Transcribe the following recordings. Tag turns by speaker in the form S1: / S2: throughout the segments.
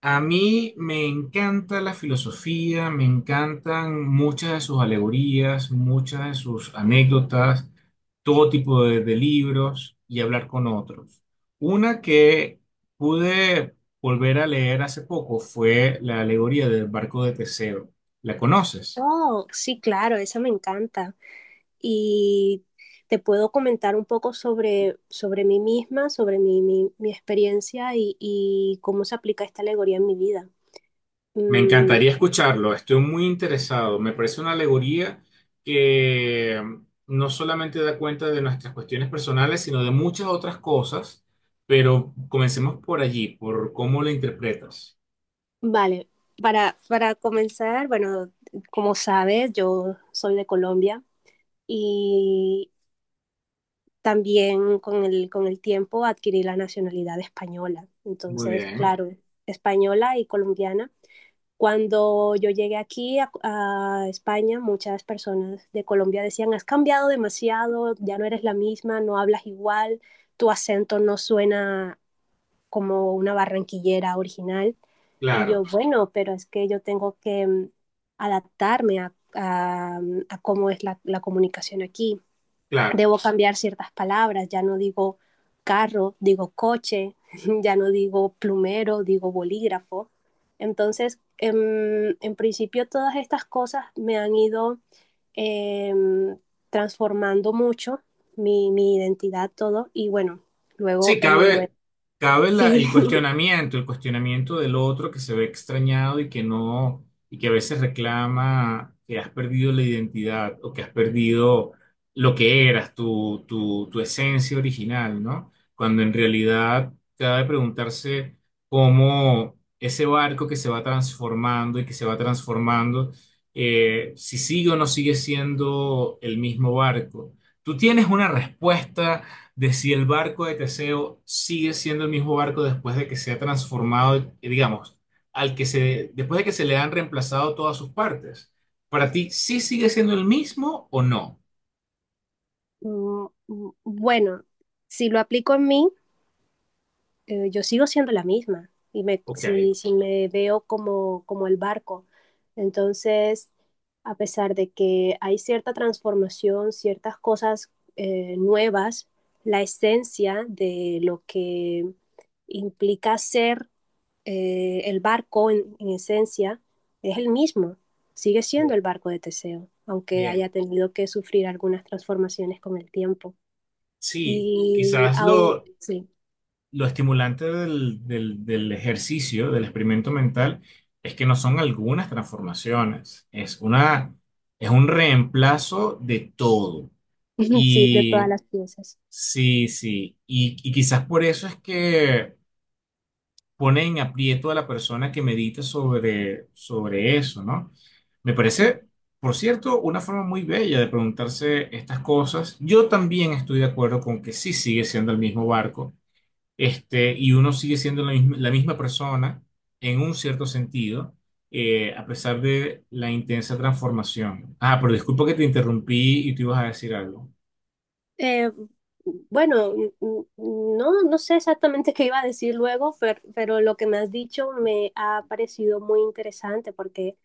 S1: A mí me encanta la filosofía, me encantan muchas de sus alegorías, muchas de sus anécdotas, todo tipo de libros y hablar con otros. Una que pude volver a leer hace poco fue la alegoría del barco de Teseo. ¿La conoces?
S2: Oh, sí, claro, esa me encanta. Y te puedo comentar un poco sobre mí misma, sobre mi experiencia y cómo se aplica esta alegoría en mi vida.
S1: Me
S2: Mm,
S1: encantaría escucharlo, estoy muy interesado. Me parece una alegoría que no solamente da cuenta de nuestras cuestiones personales, sino de muchas otras cosas, pero comencemos por allí, por cómo lo interpretas.
S2: vale, para comenzar, bueno, como sabes, yo soy de Colombia y también con el tiempo adquirí la nacionalidad española.
S1: Muy
S2: Entonces,
S1: bien,
S2: claro, española y colombiana. Cuando yo llegué aquí a España, muchas personas de Colombia decían, has cambiado demasiado, ya no eres la misma, no hablas igual, tu acento no suena como una barranquillera original. Y yo,
S1: claro,
S2: bueno, pero es que yo tengo que adaptarme a cómo es la comunicación aquí.
S1: claro.
S2: Debo cambiar ciertas palabras, ya no digo carro, digo coche, ya no digo plumero, digo bolígrafo. Entonces, en principio todas estas cosas me han ido eh, transformando mucho mi identidad, todo, y bueno, luego
S1: Sí,
S2: en Noruega.
S1: cabe, cabe la-
S2: Sí,
S1: el cuestionamiento, el cuestionamiento del otro que se ve extrañado y que no, y que a veces reclama que has perdido la identidad o que has perdido lo que eras, tu esencia original, ¿no? Cuando en realidad cabe preguntarse cómo ese barco que se va transformando y que se va transformando, si sigue o no sigue siendo el mismo barco. Tú tienes una respuesta de si el barco de Teseo sigue siendo el mismo barco después de que se ha transformado, digamos, al que se, después de que se le han reemplazado todas sus partes. Para ti, ¿sí sigue siendo el mismo o no?
S2: bueno, si lo aplico en mí, yo sigo siendo la misma y me,
S1: Ok.
S2: si me veo como el barco. Entonces, a pesar de que hay cierta transformación, ciertas cosas nuevas, la esencia de lo que implica ser, el barco en esencia es el mismo, sigue siendo
S1: Bien,
S2: el barco de Teseo, aunque
S1: bien.
S2: haya tenido que sufrir algunas transformaciones con el tiempo.
S1: Sí,
S2: Y
S1: quizás
S2: aún, sí,
S1: lo estimulante del ejercicio, del experimento mental, es que no son algunas transformaciones, es una, es un reemplazo de todo.
S2: sí, de todas las piezas.
S1: Sí, sí. Y quizás por eso es que pone en aprieto a la persona que medita sobre, sobre eso, ¿no? Me
S2: Sí.
S1: parece, por cierto, una forma muy bella de preguntarse estas cosas. Yo también estoy de acuerdo con que sí sigue siendo el mismo barco, este, y uno sigue siendo la misma persona en un cierto sentido, a pesar de la intensa transformación. Ah, pero disculpa que te interrumpí y tú ibas a decir algo.
S2: Eh, bueno, no sé exactamente qué iba a decir luego, pero lo que me has dicho me ha parecido muy interesante porque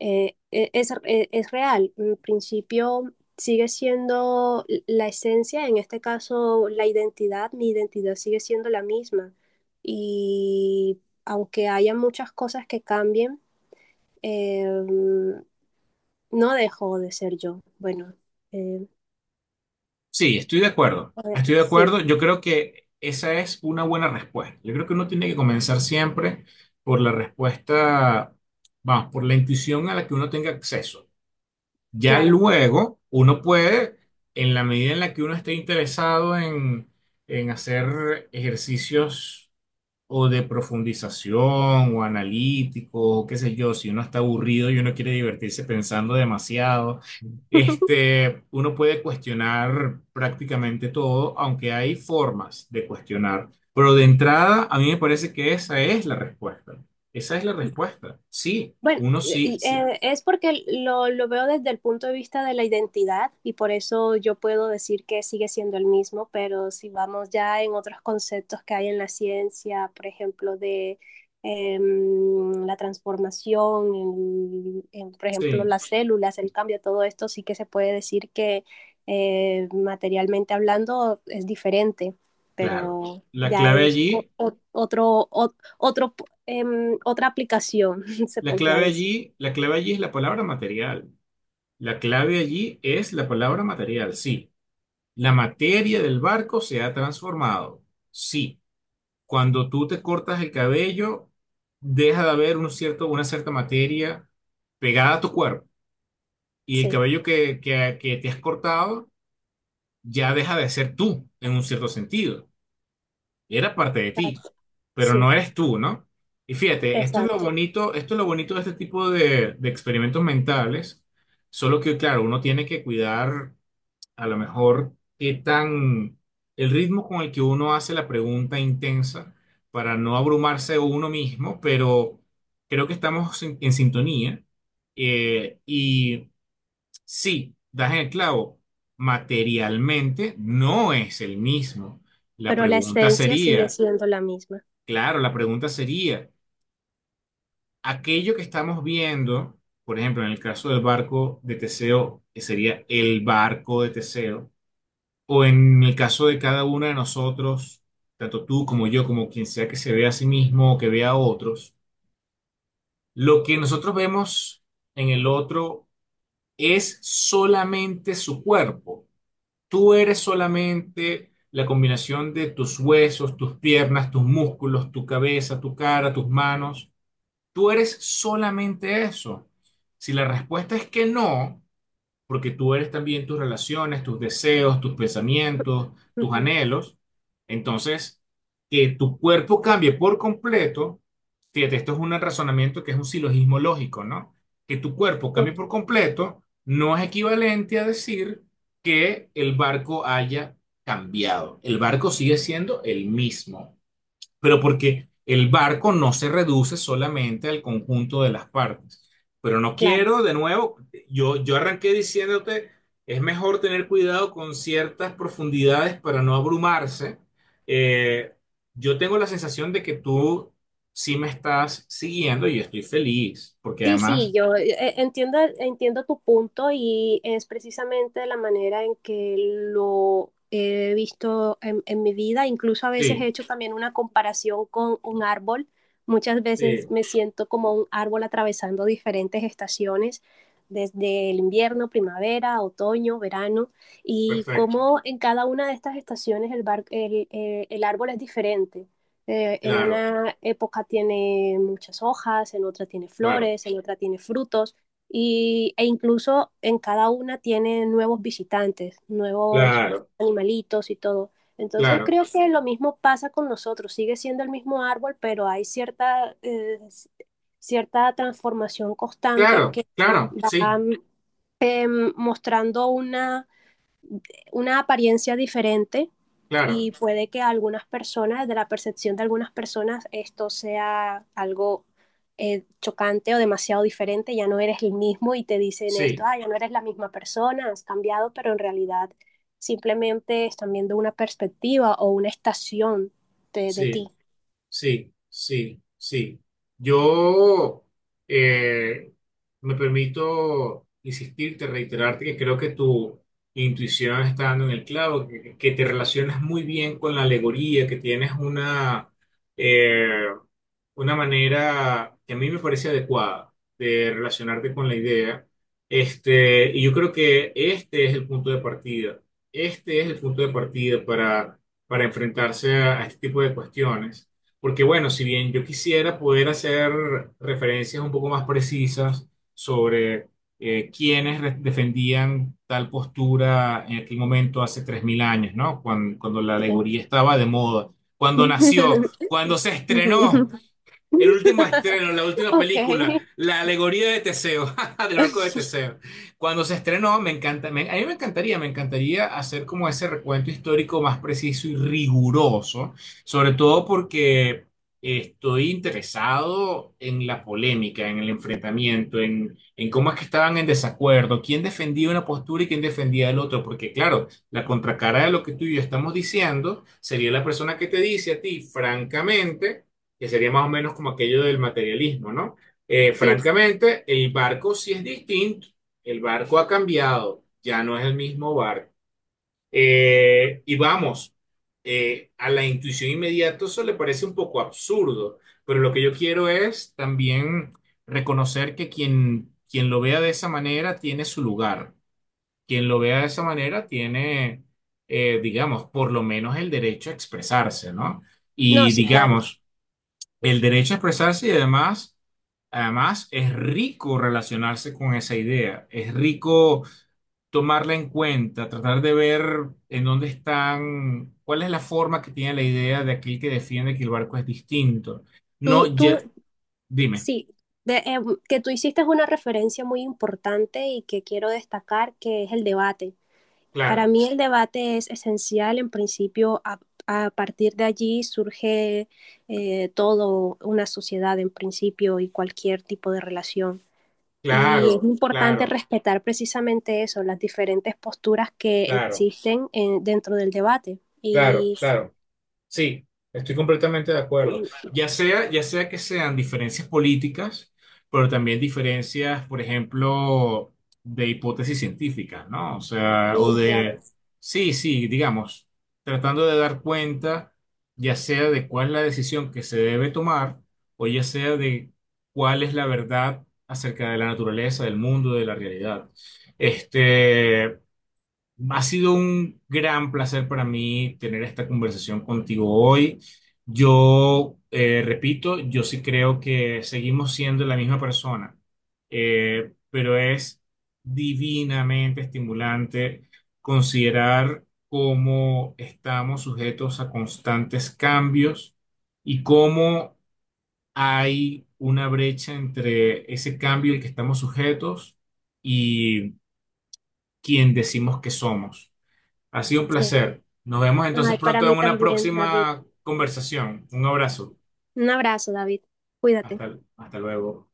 S2: es real. En principio sigue siendo la esencia, en este caso la identidad, mi identidad sigue siendo la misma. Y aunque haya muchas cosas que cambien, eh, no dejo de ser yo. Bueno, eh,
S1: Sí, estoy de acuerdo. Estoy de
S2: sí,
S1: acuerdo. Yo creo que esa es una buena respuesta. Yo creo que uno tiene que comenzar siempre por la respuesta, vamos, por la intuición a la que uno tenga acceso. Ya
S2: claro.
S1: luego uno puede, en la medida en la que uno esté interesado en hacer ejercicios o de profundización o analítico, o qué sé yo, si uno está aburrido y uno quiere divertirse pensando demasiado, este, uno puede cuestionar prácticamente todo, aunque hay formas de cuestionar. Pero de entrada, a mí me parece que esa es la respuesta. Esa es la respuesta. Sí,
S2: Bueno,
S1: uno sí,
S2: y,
S1: sí,
S2: es porque lo veo desde el punto de vista de la identidad y por eso yo puedo decir que sigue siendo el mismo, pero si vamos ya en otros conceptos que hay en la ciencia, por ejemplo, de la transformación, por ejemplo,
S1: sí,
S2: las células, el cambio, todo esto sí que se puede decir que materialmente hablando es diferente,
S1: claro.
S2: pero
S1: La
S2: ya
S1: clave
S2: es
S1: allí,
S2: otro, otro, otra aplicación. Se
S1: la
S2: podría
S1: clave
S2: decir.
S1: allí, la clave allí es la palabra material. La clave allí es la palabra material, sí. La materia del barco se ha transformado. Sí, cuando tú te cortas el cabello, deja de haber un cierto, una cierta materia pegada a tu cuerpo. Y el
S2: Sí,
S1: cabello que te has cortado ya deja de ser tú, en un cierto sentido. Era parte de ti,
S2: exacto.
S1: pero no
S2: Sí,
S1: eres tú, ¿no? Y fíjate, esto es lo
S2: exacto.
S1: bonito, esto es lo bonito de este tipo de experimentos mentales, solo que, claro, uno tiene que cuidar a lo mejor qué tan el ritmo con el que uno hace la pregunta intensa para no abrumarse uno mismo, pero creo que estamos en sintonía. Y sí, das en el clavo, materialmente no es el mismo. La
S2: Pero la
S1: pregunta
S2: esencia sigue
S1: sería,
S2: siendo la misma.
S1: claro, la pregunta sería, aquello que estamos viendo, por ejemplo, en el caso del barco de Teseo, que sería el barco de Teseo, o en el caso de cada uno de nosotros, tanto tú como yo, como quien sea que se vea a sí mismo o que vea a otros, lo que nosotros vemos en el otro es solamente su cuerpo. Tú eres solamente la combinación de tus huesos, tus piernas, tus músculos, tu cabeza, tu cara, tus manos. Tú eres solamente eso. Si la respuesta es que no, porque tú eres también tus relaciones, tus deseos, tus pensamientos, tus
S2: Ujú.
S1: anhelos. Entonces, que tu cuerpo cambie por completo, fíjate, esto es un razonamiento que es un silogismo lógico, ¿no? Que tu cuerpo
S2: Sí,
S1: cambie por completo no es equivalente a decir que el barco haya cambiado. El barco sigue siendo el mismo pero porque el barco no se reduce solamente al conjunto de las partes. Pero no
S2: claro.
S1: quiero, de nuevo, yo arranqué diciéndote, es mejor tener cuidado con ciertas profundidades para no abrumarse. Eh, yo tengo la sensación de que tú sí me estás siguiendo y estoy feliz, porque
S2: Sí, sí,
S1: además,
S2: yo entiendo, entiendo tu punto y es precisamente la manera en que lo he visto en mi vida. Incluso a veces he
S1: sí,
S2: hecho también una comparación con un árbol. Muchas veces
S1: sí,
S2: me siento como un árbol atravesando diferentes estaciones, desde el invierno, primavera, otoño, verano, y
S1: perfecto,
S2: cómo en cada una de estas estaciones el árbol es diferente. En
S1: claro,
S2: una época tiene muchas hojas, en otra tiene
S1: claro,
S2: flores, en otra tiene frutos y, e incluso en cada una tiene nuevos visitantes, nuevos
S1: claro,
S2: animalitos y todo. Entonces
S1: claro,
S2: creo que lo mismo pasa con nosotros, sigue siendo el mismo árbol, pero hay cierta, cierta transformación constante
S1: claro,
S2: que
S1: claro, sí,
S2: va eh, mostrando una apariencia diferente
S1: claro,
S2: y puede que a algunas personas, de la percepción de algunas personas, esto sea algo chocante o demasiado diferente, ya no eres el mismo y te dicen esto,
S1: sí,
S2: ah, ya no eres la misma persona, has cambiado, pero en realidad simplemente están viendo una perspectiva o una estación de
S1: sí.
S2: ti.
S1: Sí, sí, sí. Yo eh, me permito insistirte, reiterarte que creo que tu intuición está dando en el clavo, que te relacionas muy bien con la alegoría, que tienes eh, una manera que a mí me parece adecuada de relacionarte con la idea. Este, y yo creo que este es el punto de partida. Este es el punto de partida para enfrentarse a este tipo de cuestiones. Porque bueno, si bien yo quisiera poder hacer referencias un poco más precisas sobre defendían tal postura en aquel momento hace 3.000 años, ¿no? Cuando, cuando la
S2: ¿Sí?
S1: alegoría estaba de moda, cuando nació, cuando se estrenó. El último estreno, la última
S2: Ok.
S1: película, la alegoría de Teseo, del barco de Teseo. Cuando se estrenó, me encanta, a mí me encantaría hacer como ese recuento histórico más preciso y riguroso, sobre todo porque estoy interesado en la polémica, en el enfrentamiento, en cómo es que estaban en desacuerdo, quién defendía una postura y quién defendía el otro, porque claro, la contracara de lo que tú y yo estamos diciendo sería la persona que te dice a ti, francamente que sería más o menos como aquello del materialismo, ¿no?
S2: Sí,
S1: Francamente, el barco sí es distinto, el barco ha cambiado, ya no es el mismo barco. Y vamos, a la intuición inmediata eso le parece un poco absurdo, pero lo que yo quiero es también reconocer que quien, quien lo vea de esa manera tiene su lugar, quien lo vea de esa manera tiene, digamos, por lo menos el derecho a expresarse, ¿no?
S2: no,
S1: Y
S2: sí, claro.
S1: digamos, el derecho a expresarse y además, además es rico relacionarse con esa idea, es rico tomarla en cuenta, tratar de ver en dónde están, cuál es la forma que tiene la idea de aquel que defiende que el barco es distinto. No,
S2: Tú, tú,
S1: ya- dime.
S2: Sí, de, eh, que tú hiciste una referencia muy importante y que quiero destacar, que es el debate. Para
S1: Claro,
S2: mí el debate es esencial, en principio, a partir de allí surge todo una sociedad, en principio, y cualquier tipo de relación. Y es
S1: claro,
S2: importante
S1: claro,
S2: respetar precisamente eso, las diferentes posturas que
S1: claro,
S2: existen dentro del debate.
S1: claro, claro. Sí, estoy completamente de acuerdo. Ya sea que sean diferencias políticas, pero también diferencias, por ejemplo, de hipótesis científicas, ¿no? O sea, o
S2: Y claro,
S1: de, sí, sí, digamos, tratando de dar cuenta, ya sea de cuál es la decisión que se debe tomar, o ya sea de cuál es la verdad acerca de la naturaleza, del mundo, de la realidad. Este, ha sido un gran placer para mí tener esta conversación contigo hoy. Yo, repito, yo sí creo que seguimos siendo la misma persona, pero es divinamente estimulante considerar cómo estamos sujetos a constantes cambios y cómo hay una brecha entre ese cambio al que estamos sujetos y quien decimos que somos. Ha sido un
S2: sí.
S1: placer. Nos vemos entonces
S2: Ay, para
S1: pronto
S2: mí
S1: en una
S2: también, David.
S1: próxima conversación. Un abrazo.
S2: Un abrazo, David. Cuídate.
S1: Hasta, hasta luego.